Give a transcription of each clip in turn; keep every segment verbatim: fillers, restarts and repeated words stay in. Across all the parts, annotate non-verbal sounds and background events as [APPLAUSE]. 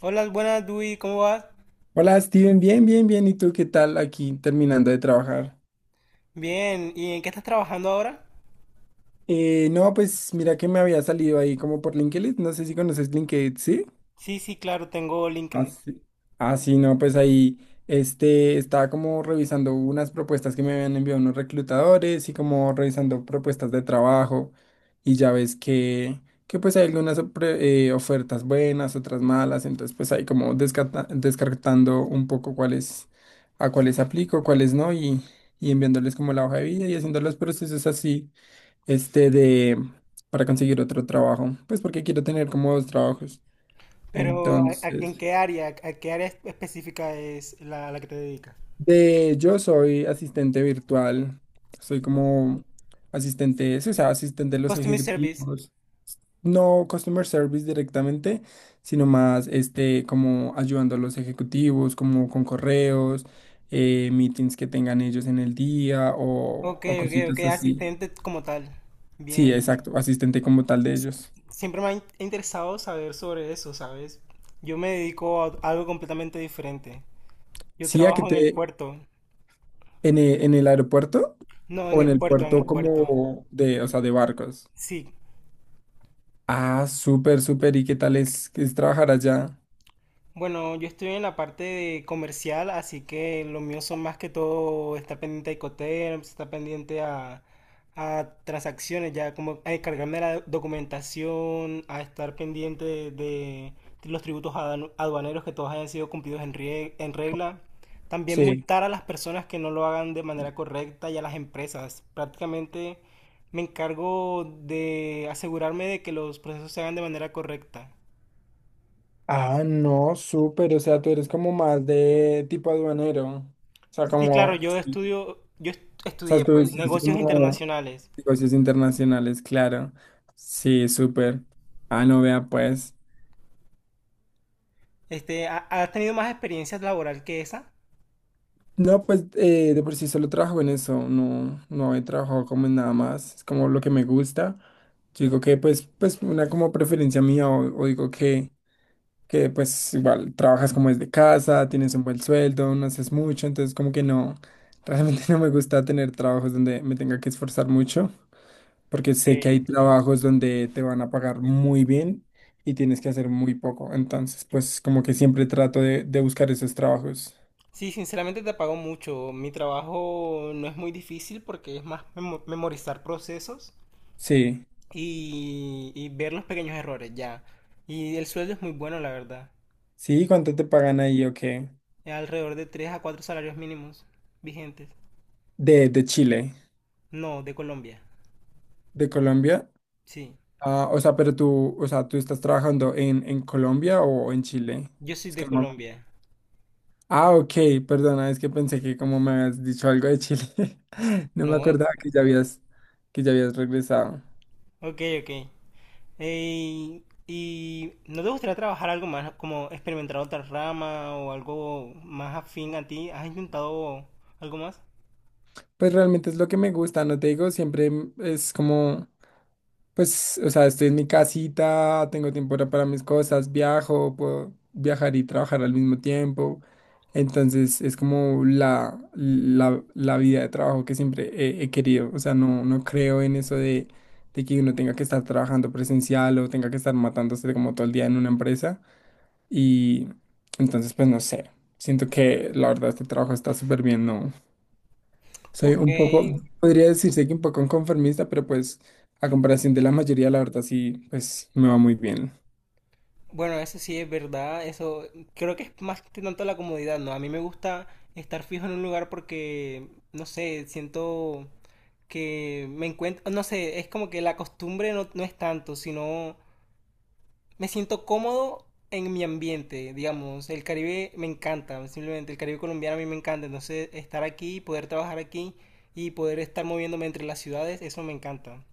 Hola, buenas, Dui, ¿cómo vas? Hola Steven, bien, bien, bien. ¿Y tú qué tal aquí terminando de trabajar? Bien, ¿y en qué estás trabajando ahora? Eh, no, pues mira que me había salido ahí como por LinkedIn. No sé si conoces LinkedIn, ¿sí? Sí, sí, claro, tengo Ah, LinkedIn. sí. Ah, sí, no, pues ahí este, estaba como revisando unas propuestas que me habían enviado unos reclutadores y como revisando propuestas de trabajo, y ya ves que, que pues hay algunas opre- eh, ofertas buenas, otras malas. Entonces pues ahí como descarta- descartando un poco cuáles a cuáles aplico, cuáles no, y, y enviándoles como la hoja de vida y haciendo los procesos así, este de para conseguir otro trabajo, pues porque quiero tener como dos trabajos. Pero, ¿a- a- ¿en Entonces. qué área? ¿A qué área espe- específica es la, la que te dedicas? De, yo soy asistente virtual, soy como asistente, sí, o sea, asistente de los Customer Service. ejecutivos, no customer service directamente, sino más este, como ayudando a los ejecutivos, como con correos, eh, meetings que tengan ellos en el día o, Ok, o ok, ok, cositas así. asistente como tal. Sí, Bien. exacto, asistente como tal de ellos. Siempre me ha in- interesado saber sobre eso, ¿sabes? Yo me dedico a algo completamente diferente. Yo Sí, a que trabajo en el te, puerto. en e- en el aeropuerto, No, en o en el el puerto, en el puerto puerto. como de, o sea, de barcos. Sí. Ah, súper, súper. ¿Y qué tal es, es trabajar allá? Bueno, yo estoy en la parte de comercial, así que lo mío son más que todo, está pendiente a Incoterms, está pendiente a, a transacciones, ya como a encargarme de la documentación, a estar pendiente de, de los tributos aduan- aduaneros que todos hayan sido cumplidos en, rie- en regla. También Sí. multar a las personas que no lo hagan de manera correcta y a las empresas. Prácticamente me encargo de asegurarme de que los procesos se hagan de manera correcta. Ah, no, súper. O sea, tú eres como más de tipo aduanero. O sea, Sí, claro, como. yo Sí. estudio, yo est- O sea, estudié tú pues estás negocios como internacionales. negocios internacionales, claro. Sí, súper. Ah, no, vea, pues. Este, ¿ha- ¿has tenido más experiencia laboral que esa? No, pues eh, de por sí solo trabajo en eso. No, no he trabajado como en nada más. Es como lo que me gusta. Yo digo que, pues, pues una como preferencia mía, o, o digo que. que pues igual trabajas como desde casa, tienes un buen sueldo, no haces mucho, entonces como que no, realmente [LAUGHS] no me gusta tener trabajos donde me tenga que esforzar mucho, porque sé que hay Porque trabajos donde te van a pagar muy bien y tienes que hacer muy poco, entonces pues como que siempre trato de, de buscar esos trabajos. sí, sinceramente te pago mucho. Mi trabajo no es muy difícil porque es más memo- memorizar procesos Sí, y, y ver los pequeños errores ya. Y el sueldo es muy bueno, la verdad. sí, ¿cuánto te pagan ahí o qué? Es alrededor de tres a cuatro salarios mínimos vigentes. De, de Chile, No, de Colombia. de Colombia. Sí, Ah, o sea, pero tú, o sea, ¿tú estás trabajando en, en, Colombia o en Chile? yo soy Es de que no. Colombia. Ah, ok, perdona, es que pensé que como me habías dicho algo de Chile, [LAUGHS] no me No, ¿eh? acordaba que ya habías, que ya habías regresado. Ok, ok. Eh, ¿y no te gustaría trabajar algo más, como experimentar otra rama o algo más afín a ti? ¿Has intentado algo más? Pues realmente es lo que me gusta, no te digo, siempre m- es como, pues, o sea, estoy en mi casita, tengo tiempo para para mis cosas, viajo, puedo viajar y trabajar al mismo tiempo. Entonces es como la, la, la vida de trabajo que siempre he, he querido. O sea, no, no creo en eso de, de que uno tenga que estar trabajando presencial o tenga que estar matándose como todo el día en una empresa. Y entonces, pues no sé, siento que la verdad este trabajo está súper bien, ¿no? Soy Ok, un poco, podría decirse que un poco conformista, pero pues a comparación de la mayoría, la verdad sí, pues me va muy bien. bueno, eso sí es verdad, eso creo que es más que tanto la comodidad, ¿no? A mí me gusta estar fijo en un lugar porque, no sé, siento que me encuentro, no sé, es como que la costumbre no, no es tanto, sino me siento cómodo en mi ambiente, digamos, el Caribe me encanta, simplemente el Caribe colombiano a mí me encanta, entonces estar aquí, poder trabajar aquí y poder estar moviéndome entre las ciudades, eso me encanta,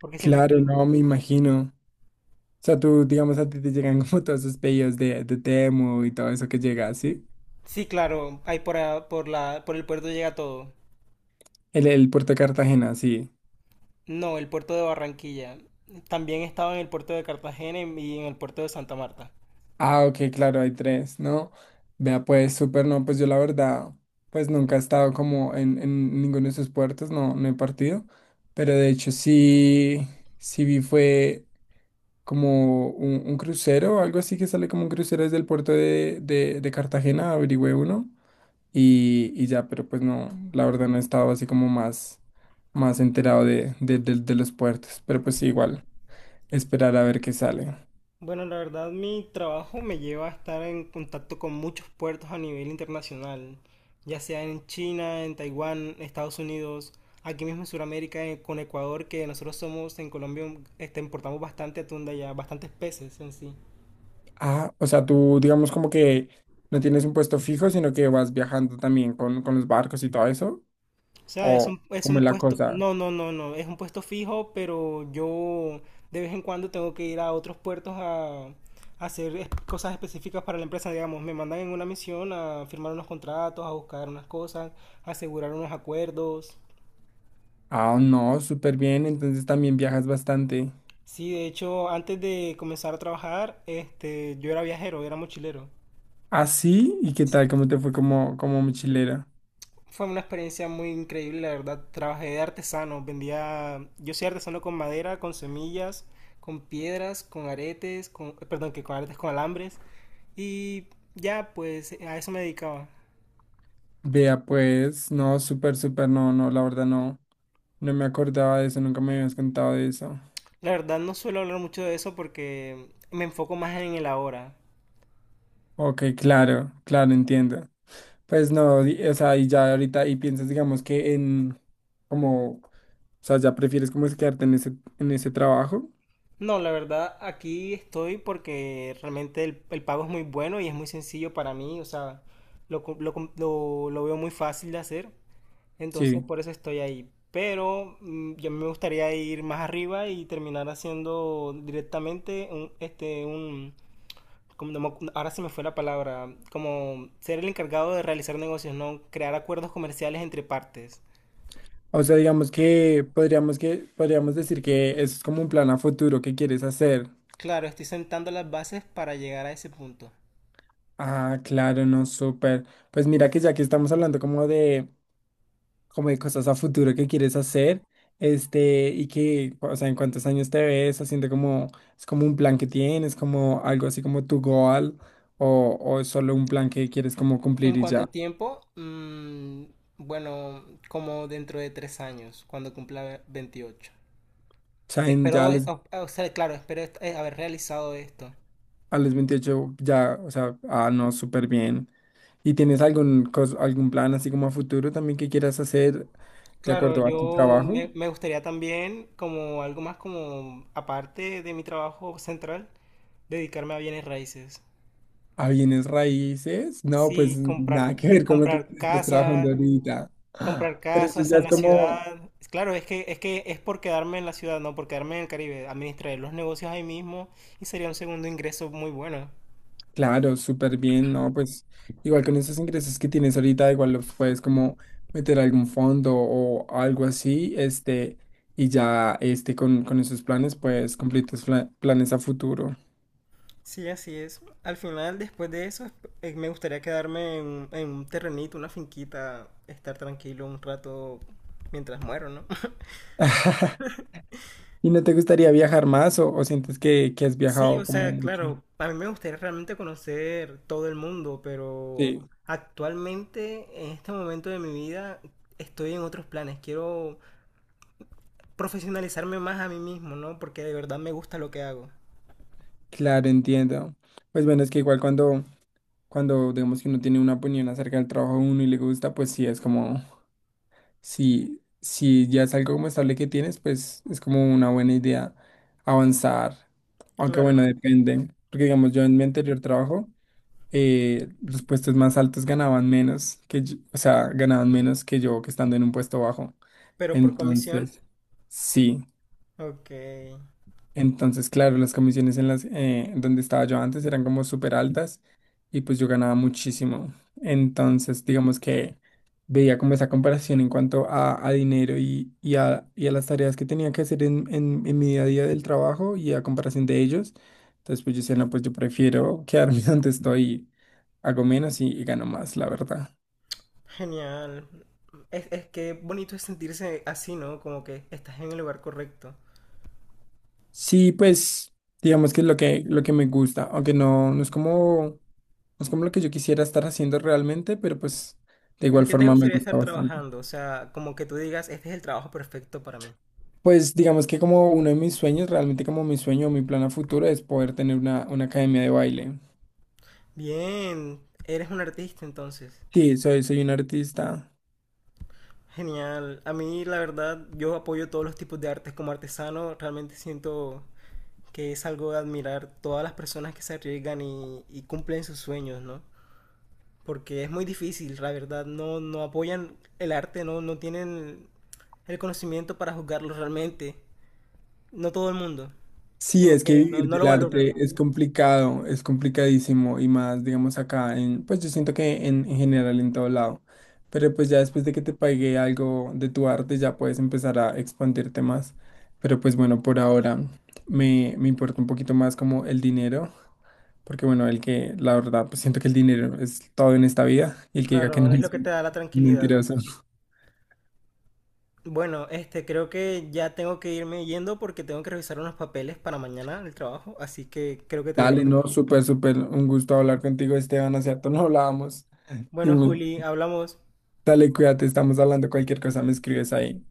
porque siempre Claro, estoy. no me imagino. O sea, tú, digamos, a ti te llegan [LAUGHS] como todos esos pedidos de, de Temu y todo eso que llega, ¿sí? Sí, claro, ahí por, a- por la, por el puerto llega todo. El, el puerto de Cartagena, sí. No, el puerto de Barranquilla. También he estado en el puerto de Cartagena y en el puerto de Santa Marta. Ah, ok, claro, hay tres, ¿no? Vea, pues súper. No, pues yo la verdad, pues nunca he estado como en, en, ninguno de esos puertos, no, no he partido, pero de hecho sí, sí vi fue como un, un crucero o algo así, que sale como un crucero desde el puerto de, de, de Cartagena, averigüé uno, y, y ya, pero pues no, la verdad no he estado así como más, más enterado de, de, de de los puertos, pero pues sí, igual, esperar a ver qué sale. Bueno, la verdad mi trabajo me lleva a estar en contacto con muchos puertos a nivel internacional, ya sea en China, en Taiwán, Estados Unidos, aquí mismo en Sudamérica, eh, con Ecuador, que nosotros somos en Colombia, un- este, importamos bastante atún de allá, bastantes peces en sí. Ah, o sea, tú digamos como que no tienes un puesto fijo, sino que vas viajando también con, con los barcos y todo eso. O sea, es ¿O un, es cómo un es la puesto, cosa? no, no, no, no, es un puesto fijo, pero yo de vez en cuando tengo que ir a otros puertos a, a hacer es- cosas específicas para la empresa, digamos, me mandan en una misión a firmar unos contratos, a buscar unas cosas, a asegurar unos acuerdos. Ah, no, súper bien. Entonces también viajas bastante. Sí, de hecho, antes de comenzar a trabajar, este, yo era viajero, era mochilero. Ah, sí. ¿Y qué tal? ¿Cómo te fue como, como mochilera? Fue una experiencia muy increíble, la verdad. Trabajé de artesano, vendía, yo soy artesano con madera, con semillas, con piedras, con aretes, con, eh, perdón, que con aretes, con alambres. Y ya, pues a eso me dedicaba. Vea, pues, no, súper, súper, no, no, la verdad no. No me acordaba de eso, nunca me habías contado de eso. La verdad no suelo hablar mucho de eso porque me enfoco más en el ahora. Ok, claro, claro, entiendo. Pues no, di- o sea, y ya ahorita, y piensas, digamos, que en, como, o sea, ya prefieres como es quedarte en ese, en ese, trabajo, No, la verdad aquí estoy porque realmente el, el pago es muy bueno y es muy sencillo para mí, o sea, lo, co- lo com- lo- lo veo muy fácil de hacer. Entonces sí. por eso estoy ahí. Pero mm, yo me gustaría ir más arriba y terminar haciendo directamente un, este, un, como no me acu- ahora se me fue la palabra, como ser el encargado de realizar negocios, no crear acuerdos comerciales entre partes. O sea, digamos que podríamos que, podríamos decir que eso es como un plan a futuro que quieres hacer. Claro, estoy sentando las bases para llegar a ese punto. Ah, claro, no, súper. Pues mira que ya que estamos hablando como de como de cosas a futuro que quieres hacer, este, y que, o sea, en cuántos años te ves haciendo como, es como un plan que tienes, como algo así como tu goal, o, o es solo un plan que quieres como En cumplir y cuanto ya. O a tiempo, mm, bueno, como dentro de tres años, cuando cumpla veintiocho. sea, en- ya Espero, a los, o, o sea, claro, espero est- eh, haber realizado esto. a los veintiocho ya, o sea, ah, no, súper bien. ¿Y tienes algún, cos- algún plan así como a futuro también que quieras hacer de Claro, acuerdo a tu yo trabajo? me, me gustaría también, como algo más como aparte de mi trabajo central, dedicarme a bienes raíces. ¿A bienes raíces? No, pues Sí, comprar, nada que te- ver con lo que comprar estás trabajando casas, ahorita. comprar Pero eso casas ya en es la como. ciudad. Claro, es que, es que es por quedarme en la ciudad, no por quedarme en el Caribe. Administrar los negocios ahí mismo y sería un segundo ingreso muy bueno. Claro, súper bien, ¿no? Pues igual con esos ingresos que tienes ahorita, igual los puedes como meter a algún fondo o algo así, este, y ya este, con, con esos planes, pues cumplir tus fla- planes a futuro. Sí, así es. Al final, después de eso, esp- eh, me gustaría quedarme en, en un terrenito, una finquita, estar tranquilo un rato mientras muero, ¿no? [LAUGHS] ¿Y no te gustaría viajar más o, o sientes que, que has Sí, viajado o como sea, mucho? claro, a mí me gustaría realmente conocer todo el mundo, pero Sí, actualmente, en este momento de mi vida, estoy en otros planes. Quiero profesionalizarme más a mí mismo, ¿no? Porque de verdad me gusta lo que hago. claro, entiendo. Pues bueno, es que igual cuando, cuando digamos que uno tiene una opinión acerca del trabajo de uno y le gusta, pues sí, es como. Si, si ya es algo como estable que tienes, pues es como una buena idea avanzar. Aunque Claro, bueno, depende. Porque digamos, yo en mi anterior trabajo, eh, los puestos más altos ganaban menos que yo, o sea, ganaban menos que yo que estando en un puesto bajo. pero por comisión. Entonces, sí. Ok, Entonces, claro, las comisiones en las eh, donde estaba yo antes eran como súper altas, y pues yo ganaba muchísimo. Entonces, digamos que veía como esa comparación en cuanto a, a dinero y, y, a, y a las tareas que tenía que hacer en, en, en mi día a día del trabajo y a comparación de ellos. Entonces, pues yo decía, no, pues yo prefiero quedarme [LAUGHS] donde estoy, hago menos y, y gano más, la verdad. genial. Es, es que bonito es sentirse así, ¿no? Como que estás en el lugar correcto. Sí, pues digamos que es lo que, lo que, me gusta, aunque no, no es como. Es como lo que yo quisiera estar haciendo realmente, pero pues de ¿En igual qué te forma me gustaría gusta estar bastante. trabajando? O sea, como que tú digas, este es el trabajo perfecto para mí. Pues digamos que como uno de mis sueños, realmente como mi sueño o mi plan a futuro es poder tener una, una, academia de baile. Bien, eres un artista entonces. Sí, soy, soy un artista. Genial. A mí, la verdad, yo apoyo todos los tipos de artes como artesano. Realmente siento que es algo de admirar todas las personas que se arriesgan y, y cumplen sus sueños, ¿no? Porque es muy difícil, la verdad. No, no apoyan el arte, no, no tienen el conocimiento para juzgarlo realmente. No todo el mundo. Sí, Como es que que no, vivir no lo del valoran. arte es complicado, es complicadísimo y más, digamos, acá en, pues yo siento que en, en general en todo lado. Pero pues ya después de que te pague algo de tu arte, ya puedes empezar a expandirte más. Pero pues bueno, por ahora me, me importa un poquito más como el dinero. Porque bueno, el que, la verdad, pues siento que el dinero es todo en esta vida, y el que diga que no Claro, es lo es que te da la tranquilidad. mentiroso. Bueno, este, creo que ya tengo que irme yendo porque tengo que revisar unos papeles para mañana el trabajo, así que creo que te dejo. Dale, no, súper, súper, un gusto hablar contigo, Esteban, hace cierto, no hablábamos. Bueno, Dime. Juli, hablamos. Dale, cuídate, estamos hablando cualquier cosa, me escribes ahí.